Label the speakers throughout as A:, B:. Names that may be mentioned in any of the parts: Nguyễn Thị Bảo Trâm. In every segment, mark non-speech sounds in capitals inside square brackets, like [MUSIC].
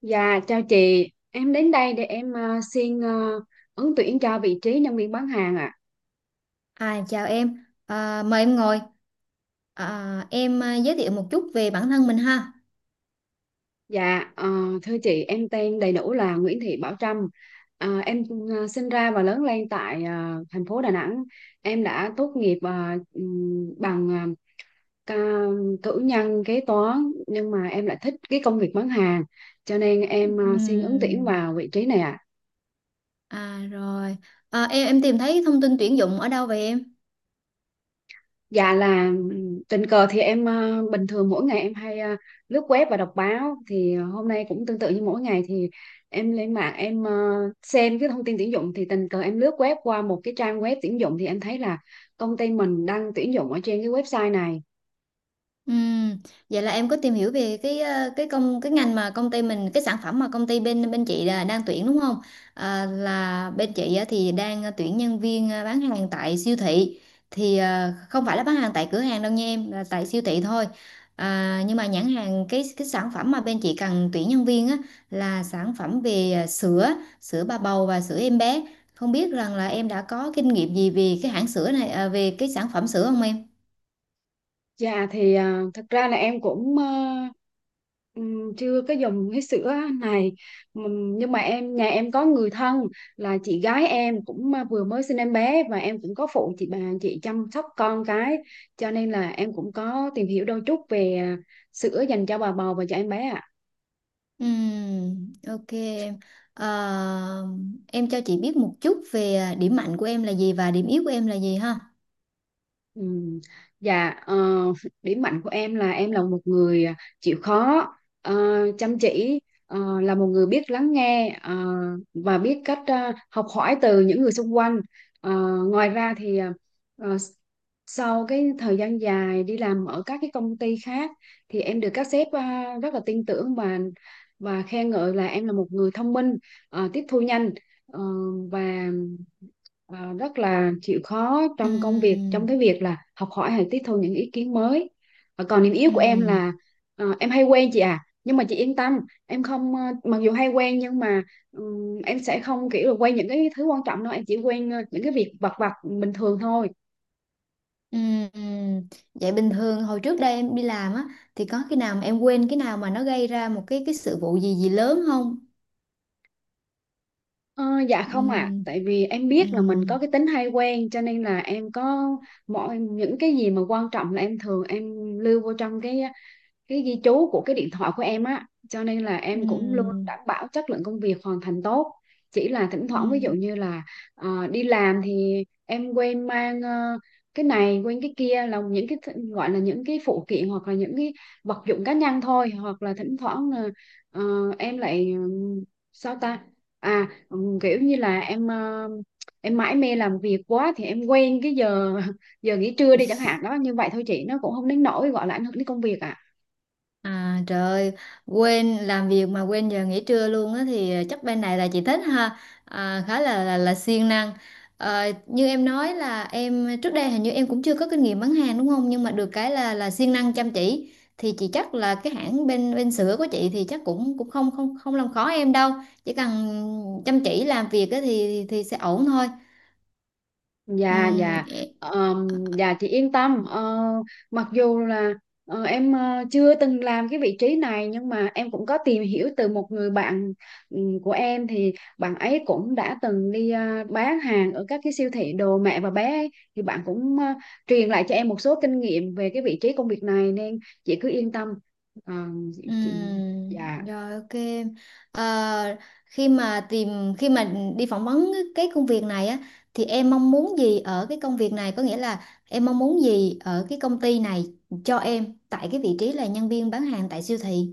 A: Dạ, chào chị. Em đến đây để em xin ứng tuyển cho vị trí nhân viên bán hàng ạ.
B: Chào em, mời em ngồi. Em giới thiệu một chút về bản thân mình ha.
A: Dạ, thưa chị, em tên đầy đủ là Nguyễn Thị Bảo Trâm. Em sinh ra và lớn lên tại thành phố Đà Nẵng. Em đã tốt nghiệp bằng ờ, ca cử nhân kế toán, nhưng mà em lại thích cái công việc bán hàng, cho nên em xin ứng tuyển
B: Ừm,
A: vào vị trí này ạ.
B: à rồi, em tìm thấy thông tin tuyển dụng ở đâu vậy em?
A: Dạ là tình cờ thì em bình thường mỗi ngày em hay lướt web và đọc báo, thì hôm nay cũng tương tự như mỗi ngày, thì em lên mạng em xem cái thông tin tuyển dụng, thì tình cờ em lướt web qua một cái trang web tuyển dụng thì em thấy là công ty mình đang tuyển dụng ở trên cái website này.
B: Ừm, Vậy là em có tìm hiểu về cái cái công cái ngành mà công ty mình cái sản phẩm mà công ty bên bên chị là đang tuyển đúng không? À, là bên chị á thì đang tuyển nhân viên bán hàng tại siêu thị thì không phải là bán hàng tại cửa hàng đâu nha em, là tại siêu thị thôi. À, nhưng mà nhãn hàng cái sản phẩm mà bên chị cần tuyển nhân viên á là sản phẩm về ờ, sữa sữa bà bầu và sữa em bé. Không biết rằng là em đã có kinh nghiệm gì về cái hãng sữa này về cái sản phẩm sữa không em?
A: Dạ thì à, thật ra là em cũng chưa có dùng cái sữa này. Nhưng mà em nhà em có người thân là chị gái em cũng à, vừa mới sinh em bé, và em cũng có phụ bà chị chăm sóc con cái, cho nên là em cũng có tìm hiểu đôi chút về à, sữa dành cho bà bầu và cho em bé ạ.
B: Ok em. Ờ, em cho chị biết một chút về điểm mạnh của em là gì và điểm yếu của em là gì ha.
A: Ừ. Dạ, điểm mạnh của em là một người à, chịu khó, ờ, chăm chỉ, là một người biết lắng nghe và biết cách học hỏi từ những người xung quanh. Ờ, ngoài ra thì ờ, sau cái thời gian dài đi làm ở các cái công ty khác, thì em được các sếp rất là tin tưởng và khen ngợi là em là một người thông minh, tiếp thu nhanh, ờ, và rất là chịu khó trong công việc, trong
B: Ừm,
A: cái việc là học hỏi hay tiếp thu những ý kiến mới. Còn điểm yếu của em
B: ừm,
A: là em hay quen, chị à, nhưng mà chị yên tâm, em không mặc dù hay quen nhưng mà em sẽ không kiểu là quen những cái thứ quan trọng đâu, em chỉ quen những cái việc vặt vặt bình thường thôi.
B: ừm, ừm. Vậy bình thường hồi trước đây em đi làm á thì có khi nào mà em quên cái nào mà nó gây ra một cái sự vụ gì gì lớn không?
A: Ờ, dạ không ạ,
B: Ừm,
A: tại vì em biết là mình có
B: ừm,
A: cái tính hay quen, cho nên là em có mọi những cái gì mà quan trọng là em thường em lưu vô trong cái ghi chú của cái điện thoại của em á, cho nên là em cũng luôn
B: ừm,
A: đảm bảo chất lượng công việc hoàn thành tốt. Chỉ là thỉnh thoảng, ví dụ
B: ừm.
A: như là đi làm thì em quên mang cái này quên cái kia, là những cái gọi là những cái phụ kiện hoặc là những cái vật dụng cá nhân thôi, hoặc là thỉnh thoảng là ờ, em lại sao ta, kiểu như là em mãi mê làm việc quá thì em quên cái giờ [LAUGHS] giờ nghỉ trưa đi chẳng hạn đó, như vậy thôi chị, nó cũng không đến nỗi gọi là ảnh hưởng đến công việc ạ.
B: À trời, quên làm việc mà quên giờ nghỉ trưa luôn á thì chắc bên này là chị thích ha, à, khá là siêng năng. Ờ, như em nói là em trước đây hình như em cũng chưa có kinh nghiệm bán hàng đúng không? Nhưng mà được cái là siêng năng chăm chỉ thì chị chắc là cái hãng bên bên sữa của chị thì chắc cũng cũng không không không làm khó em đâu, chỉ cần chăm chỉ làm việc á thì sẽ ổn thôi.
A: Dạ,
B: Ừm,
A: dạ. Ờm, dạ chị yên tâm. Ờ, mặc dù là em chưa từng làm cái vị trí này, nhưng mà em cũng có tìm hiểu từ một người bạn của em, thì bạn ấy cũng đã từng đi bán hàng ở các cái siêu thị đồ mẹ và bé ấy. Thì bạn cũng truyền lại cho em một số kinh nghiệm về cái vị trí công việc này, nên chị cứ yên tâm. Ờ, chị,
B: Ừ,
A: chị, dạ.
B: rồi Ok em. Ờ, khi mà tìm khi mà đi phỏng vấn cái công việc này á thì em mong muốn gì ở cái công việc này, có nghĩa là em mong muốn gì ở cái công ty này cho em tại cái vị trí là nhân viên bán hàng tại siêu thị.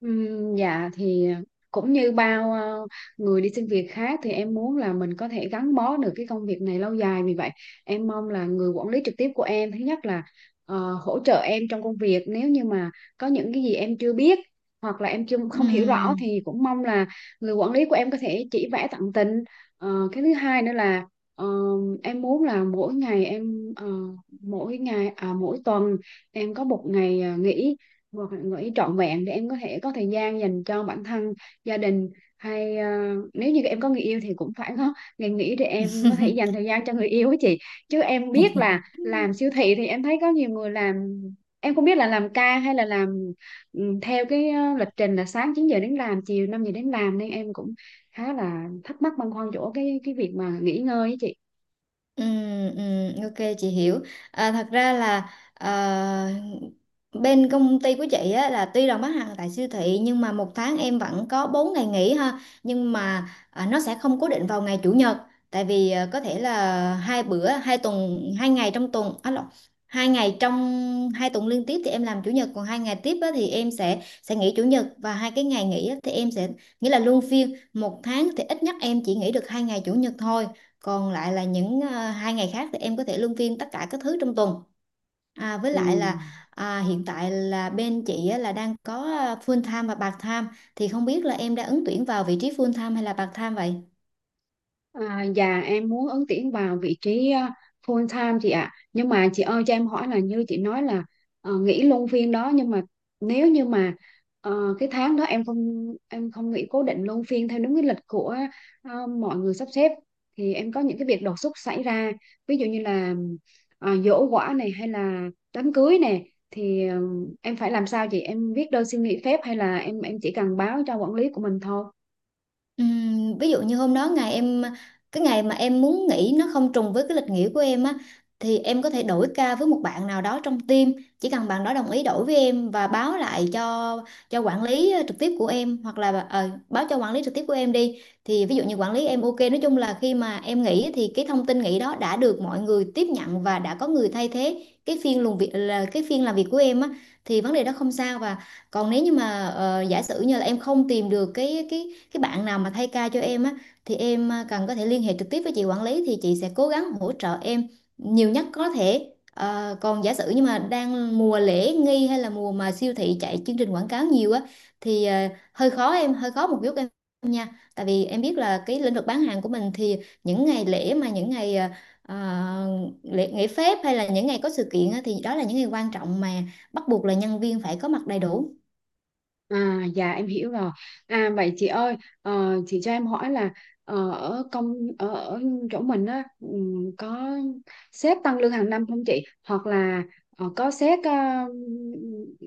A: Dạ thì cũng như bao người đi xin việc khác, thì em muốn là mình có thể gắn bó được cái công việc này lâu dài, vì vậy em mong là người quản lý trực tiếp của em, thứ nhất là hỗ trợ em trong công việc, nếu như mà có những cái gì em chưa biết hoặc là em chưa không hiểu rõ, thì cũng mong là người quản lý của em có thể chỉ vẽ tận tình. Cái thứ hai nữa là ờ, em muốn là mỗi ngày em mỗi ngày à, mỗi tuần em có một ngày à, nghỉ, một ngày nghỉ trọn vẹn để em có thể có thời gian dành cho bản thân, gia đình, hay nếu như em có người yêu thì cũng phải có ngày nghỉ để em có thể dành thời gian cho người yêu ấy chị. Chứ em biết là
B: Ừ.
A: làm siêu thị thì em thấy có nhiều người làm, em không biết là làm ca hay là làm theo cái lịch trình là sáng 9 giờ đến làm, chiều 5 giờ đến làm, nên em cũng khá là thắc mắc băn khoăn chỗ cái việc mà nghỉ ngơi ấy chị.
B: Ừ, ừ, ok chị hiểu, thật ra là bên công ty của chị á, là tuy là bán hàng tại siêu thị nhưng mà một tháng em vẫn có 4 ngày nghỉ ha, nhưng mà à, nó sẽ không cố định vào ngày chủ nhật, tại vì à, có thể là hai ngày trong tuần à, lộn, hai ngày trong hai tuần liên tiếp thì em làm chủ nhật, còn hai ngày tiếp á, thì em sẽ nghỉ chủ nhật, và hai cái ngày nghỉ á, thì em sẽ, nghĩa là luân phiên, một tháng thì ít nhất em chỉ nghỉ được hai ngày chủ nhật thôi, còn lại là những à, hai ngày khác thì em có thể luân phiên tất cả các thứ trong tuần. À, với
A: Ừ.
B: lại là à, hiện tại là bên chị á, là đang có à, full time và part time, thì không biết là em đã ứng tuyển vào vị trí full time hay là part time vậy?
A: À, dạ em muốn ứng tuyển vào vị trí à, full time chị ạ, nhưng mà chị ơi cho em hỏi là như chị nói là nghỉ luân phiên đó, nhưng mà nếu như mà cái tháng đó em không nghỉ cố định luân phiên theo đúng cái lịch của mọi người sắp xếp, thì em có những cái việc đột xuất xảy ra, ví dụ như là giỗ quả này hay là đám cưới này, thì em phải làm sao chị, em viết đơn xin nghỉ phép hay là em chỉ cần báo cho quản lý của mình thôi?
B: Ví dụ như hôm đó ngày em cái ngày mà em muốn nghỉ nó không trùng với cái lịch nghỉ của em á, thì em có thể đổi ca với một bạn nào đó trong team, chỉ cần bạn đó đồng ý đổi với em và báo lại cho quản lý trực tiếp của em, hoặc là báo cho quản lý trực tiếp của em đi, thì ví dụ như quản lý em ok, nói chung là khi mà em nghỉ thì cái thông tin nghỉ đó đã được mọi người tiếp nhận và đã có người thay thế cái phiên làm việc, là cái phiên làm việc của em á thì vấn đề đó không sao. Và còn nếu như mà giả sử như là em không tìm được cái bạn nào mà thay ca cho em á, thì em cần, có thể liên hệ trực tiếp với chị quản lý thì chị sẽ cố gắng hỗ trợ em nhiều nhất có thể. Ờ, còn giả sử như mà đang mùa lễ nghi hay là mùa mà siêu thị chạy chương trình quảng cáo nhiều á thì hơi khó em, hơi khó một chút em nha, tại vì em biết là cái lĩnh vực bán hàng của mình thì những ngày lễ mà những ngày ờ, lễ nghỉ phép hay là những ngày có sự kiện á, thì đó là những ngày quan trọng mà bắt buộc là nhân viên phải có mặt đầy đủ.
A: À, dạ em hiểu rồi. À vậy chị ơi, chị cho em hỏi là ở chỗ mình á, có sếp tăng lương hàng năm không chị? Hoặc là có sếp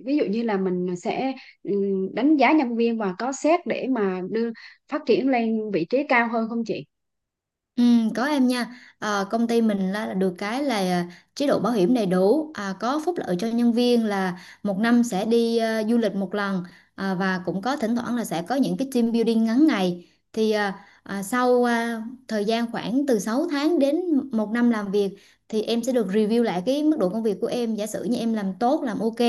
A: ví dụ như là mình sẽ đánh giá nhân viên, và có sếp để mà đưa phát triển lên vị trí cao hơn không chị?
B: Ừ, có em nha. Ờ, công ty mình là được cái là à, chế độ bảo hiểm đầy đủ, à, có phúc lợi cho nhân viên là một năm sẽ đi à, du lịch một lần, à, và cũng có thỉnh thoảng là sẽ có những cái team building ngắn ngày, thì sau thời gian khoảng từ 6 tháng đến một năm làm việc thì em sẽ được review lại cái mức độ công việc của em, giả sử như em làm tốt làm ok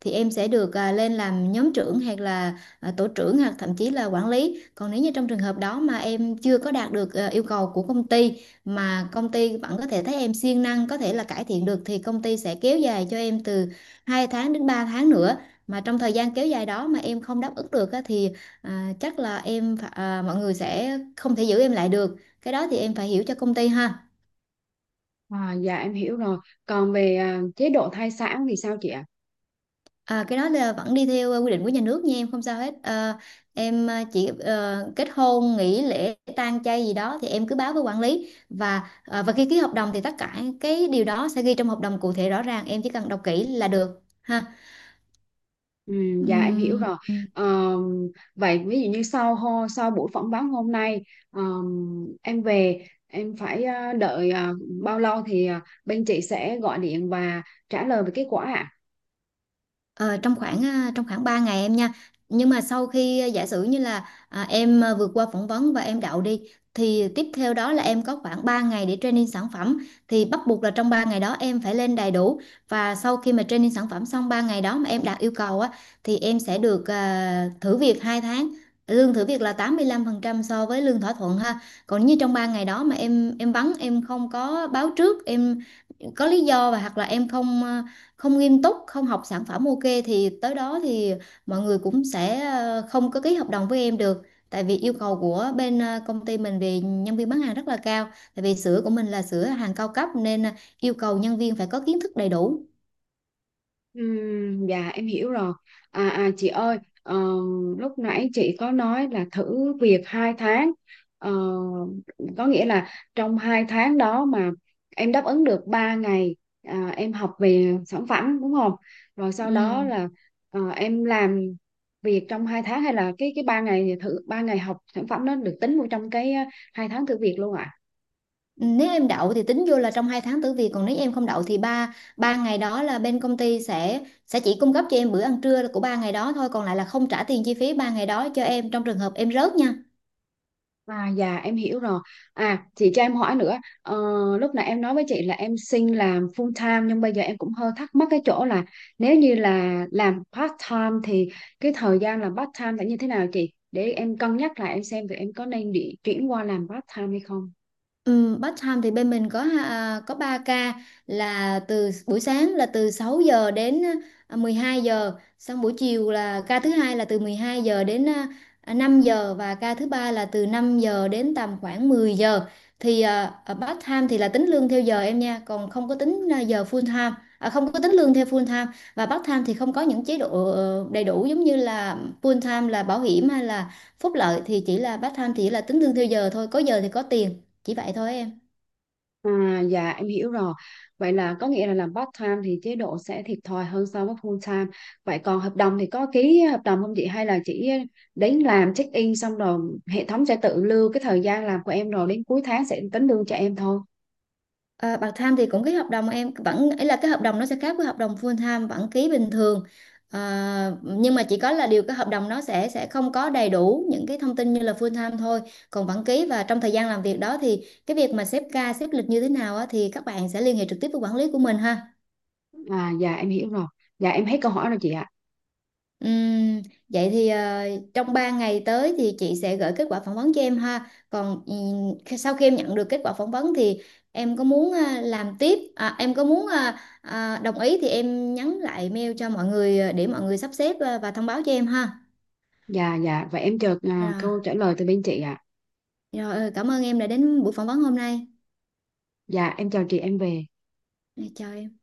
B: thì em sẽ được à, lên làm nhóm trưởng hoặc là à, tổ trưởng hoặc thậm chí là quản lý. Còn nếu như trong trường hợp đó mà em chưa có đạt được yêu cầu của công ty mà công ty vẫn có thể thấy em siêng năng, có thể là cải thiện được, thì công ty sẽ kéo dài cho em từ 2 tháng đến 3 tháng nữa. Mà trong thời gian kéo dài đó mà em không đáp ứng được á, thì chắc là em phải- à, mọi người sẽ không thể giữ em lại được, cái đó thì em phải hiểu cho công ty ha.
A: À, dạ em hiểu rồi. Còn về à, chế độ thai sản thì sao chị ạ?
B: À, cái đó là vẫn đi theo quy định của nhà nước nha em, không sao hết. Ờ, em kết hôn, nghỉ lễ, tang chay gì đó thì em cứ báo với quản lý, và và khi ký hợp đồng thì tất cả cái điều đó sẽ ghi trong hợp đồng cụ thể rõ ràng, em chỉ cần đọc kỹ là được ha.
A: Ừ, dạ em hiểu
B: Ừm,
A: rồi. Ờm, vậy ví dụ như sau buổi phỏng vấn hôm nay, em về em phải đợi bao lâu thì bên chị sẽ gọi điện và trả lời về kết quả ạ?
B: Ờ, trong khoảng 3 ngày em nha. Nhưng mà sau khi à, giả sử như là à, em à, vượt qua phỏng vấn và em đậu đi thì tiếp theo đó là em có khoảng 3 ngày để training sản phẩm, thì bắt buộc là trong 3 ngày đó em phải lên đầy đủ. Và sau khi mà training sản phẩm xong 3 ngày đó mà em đạt yêu cầu á thì em sẽ được à, thử việc 2 tháng. Lương thử việc là 85% so với lương thỏa thuận ha. Còn như trong 3 ngày đó mà em vắng, em không có báo trước, em có lý do, và hoặc là em không à, không nghiêm túc không học sản phẩm ok, thì tới đó thì mọi người cũng sẽ không có ký hợp đồng với em được, tại vì yêu cầu của bên công ty mình về nhân viên bán hàng rất là cao, tại vì sữa của mình là sữa hàng cao cấp nên yêu cầu nhân viên phải có kiến thức đầy đủ.
A: Dạ em hiểu rồi. Chị ơi, ờ, lúc nãy chị có nói là thử việc 2 tháng. Ờ, có nghĩa là trong 2 tháng đó mà em đáp ứng được 3 ngày à, em học về sản phẩm đúng không? Rồi sau đó
B: ừ.
A: là em làm việc trong 2 tháng, hay là cái 3 ngày thử 3 ngày học sản phẩm nó được tính vô trong cái 2 tháng thử việc luôn ạ?
B: Nếu em đậu thì tính vô là trong hai tháng tử việc, còn nếu em không đậu thì ba ba ngày đó là bên công ty sẽ chỉ cung cấp cho em bữa ăn trưa của ba ngày đó thôi, còn lại là không trả tiền chi phí ba ngày đó cho em trong trường hợp em rớt nha.
A: À, dạ em hiểu rồi. À chị cho em hỏi nữa. Ờ, lúc nãy em nói với chị là em xin làm full time, nhưng bây giờ em cũng hơi thắc mắc cái chỗ là nếu như là làm part time thì cái thời gian làm part time sẽ như thế nào chị? Để em cân nhắc lại, em xem thì em có nên đi chuyển qua làm part time hay không.
B: Ừ, part time thì bên mình có à, có 3 ca, là từ buổi sáng là từ 6 giờ đến à, 12 giờ, xong buổi chiều là ca thứ hai là từ 12 giờ đến à, 5 giờ, và ca thứ ba là từ 5 giờ đến tầm khoảng 10 giờ. Thì à, ở part time thì là tính lương theo giờ em nha, còn không có tính à, giờ full time, à, không có tính lương theo full time. Và part time thì không có những chế độ đầy đủ giống như là full time là bảo hiểm hay là phúc lợi, thì chỉ là part time thì chỉ là tính lương theo giờ thôi, có giờ thì có tiền, chỉ vậy thôi em.
A: À, dạ em hiểu rồi. Vậy là có nghĩa là làm part time thì chế độ sẽ thiệt thòi hơn so với full time. Vậy còn hợp đồng thì có ký hợp đồng không chị, hay là chỉ đến làm check in xong rồi hệ thống sẽ tự lưu cái thời gian làm của em, rồi đến cuối tháng sẽ tính lương cho em thôi?
B: À, part time thì cũng ký hợp đồng em, vẫn ấy, là cái hợp đồng nó sẽ khác với hợp đồng full time, vẫn ký bình thường, à, nhưng mà chỉ có là điều cái hợp đồng nó sẽ không có đầy đủ những cái thông tin như là full time thôi, còn vẫn ký. Và trong thời gian làm việc đó thì cái việc mà xếp ca xếp lịch như thế nào á, thì các bạn sẽ liên hệ trực tiếp với quản lý của mình ha.
A: À, dạ em hiểu rồi. Dạ em hết câu hỏi rồi chị ạ.
B: Ừm, vậy thì trong 3 ngày tới thì chị sẽ gửi kết quả phỏng vấn cho em ha. Còn sau khi em nhận được kết quả phỏng vấn thì em có muốn ờ, làm tiếp, à, em có muốn ờ, ờ, đồng ý thì em nhắn lại mail cho mọi người để mọi người sắp xếp, và thông báo cho em ha.
A: Dạ, dạ, vậy em chờ à,
B: Rồi,
A: câu trả lời từ bên chị ạ.
B: cảm ơn em đã đến buổi phỏng vấn hôm nay.
A: Dạ em chào chị, em về.
B: Rồi, chào em.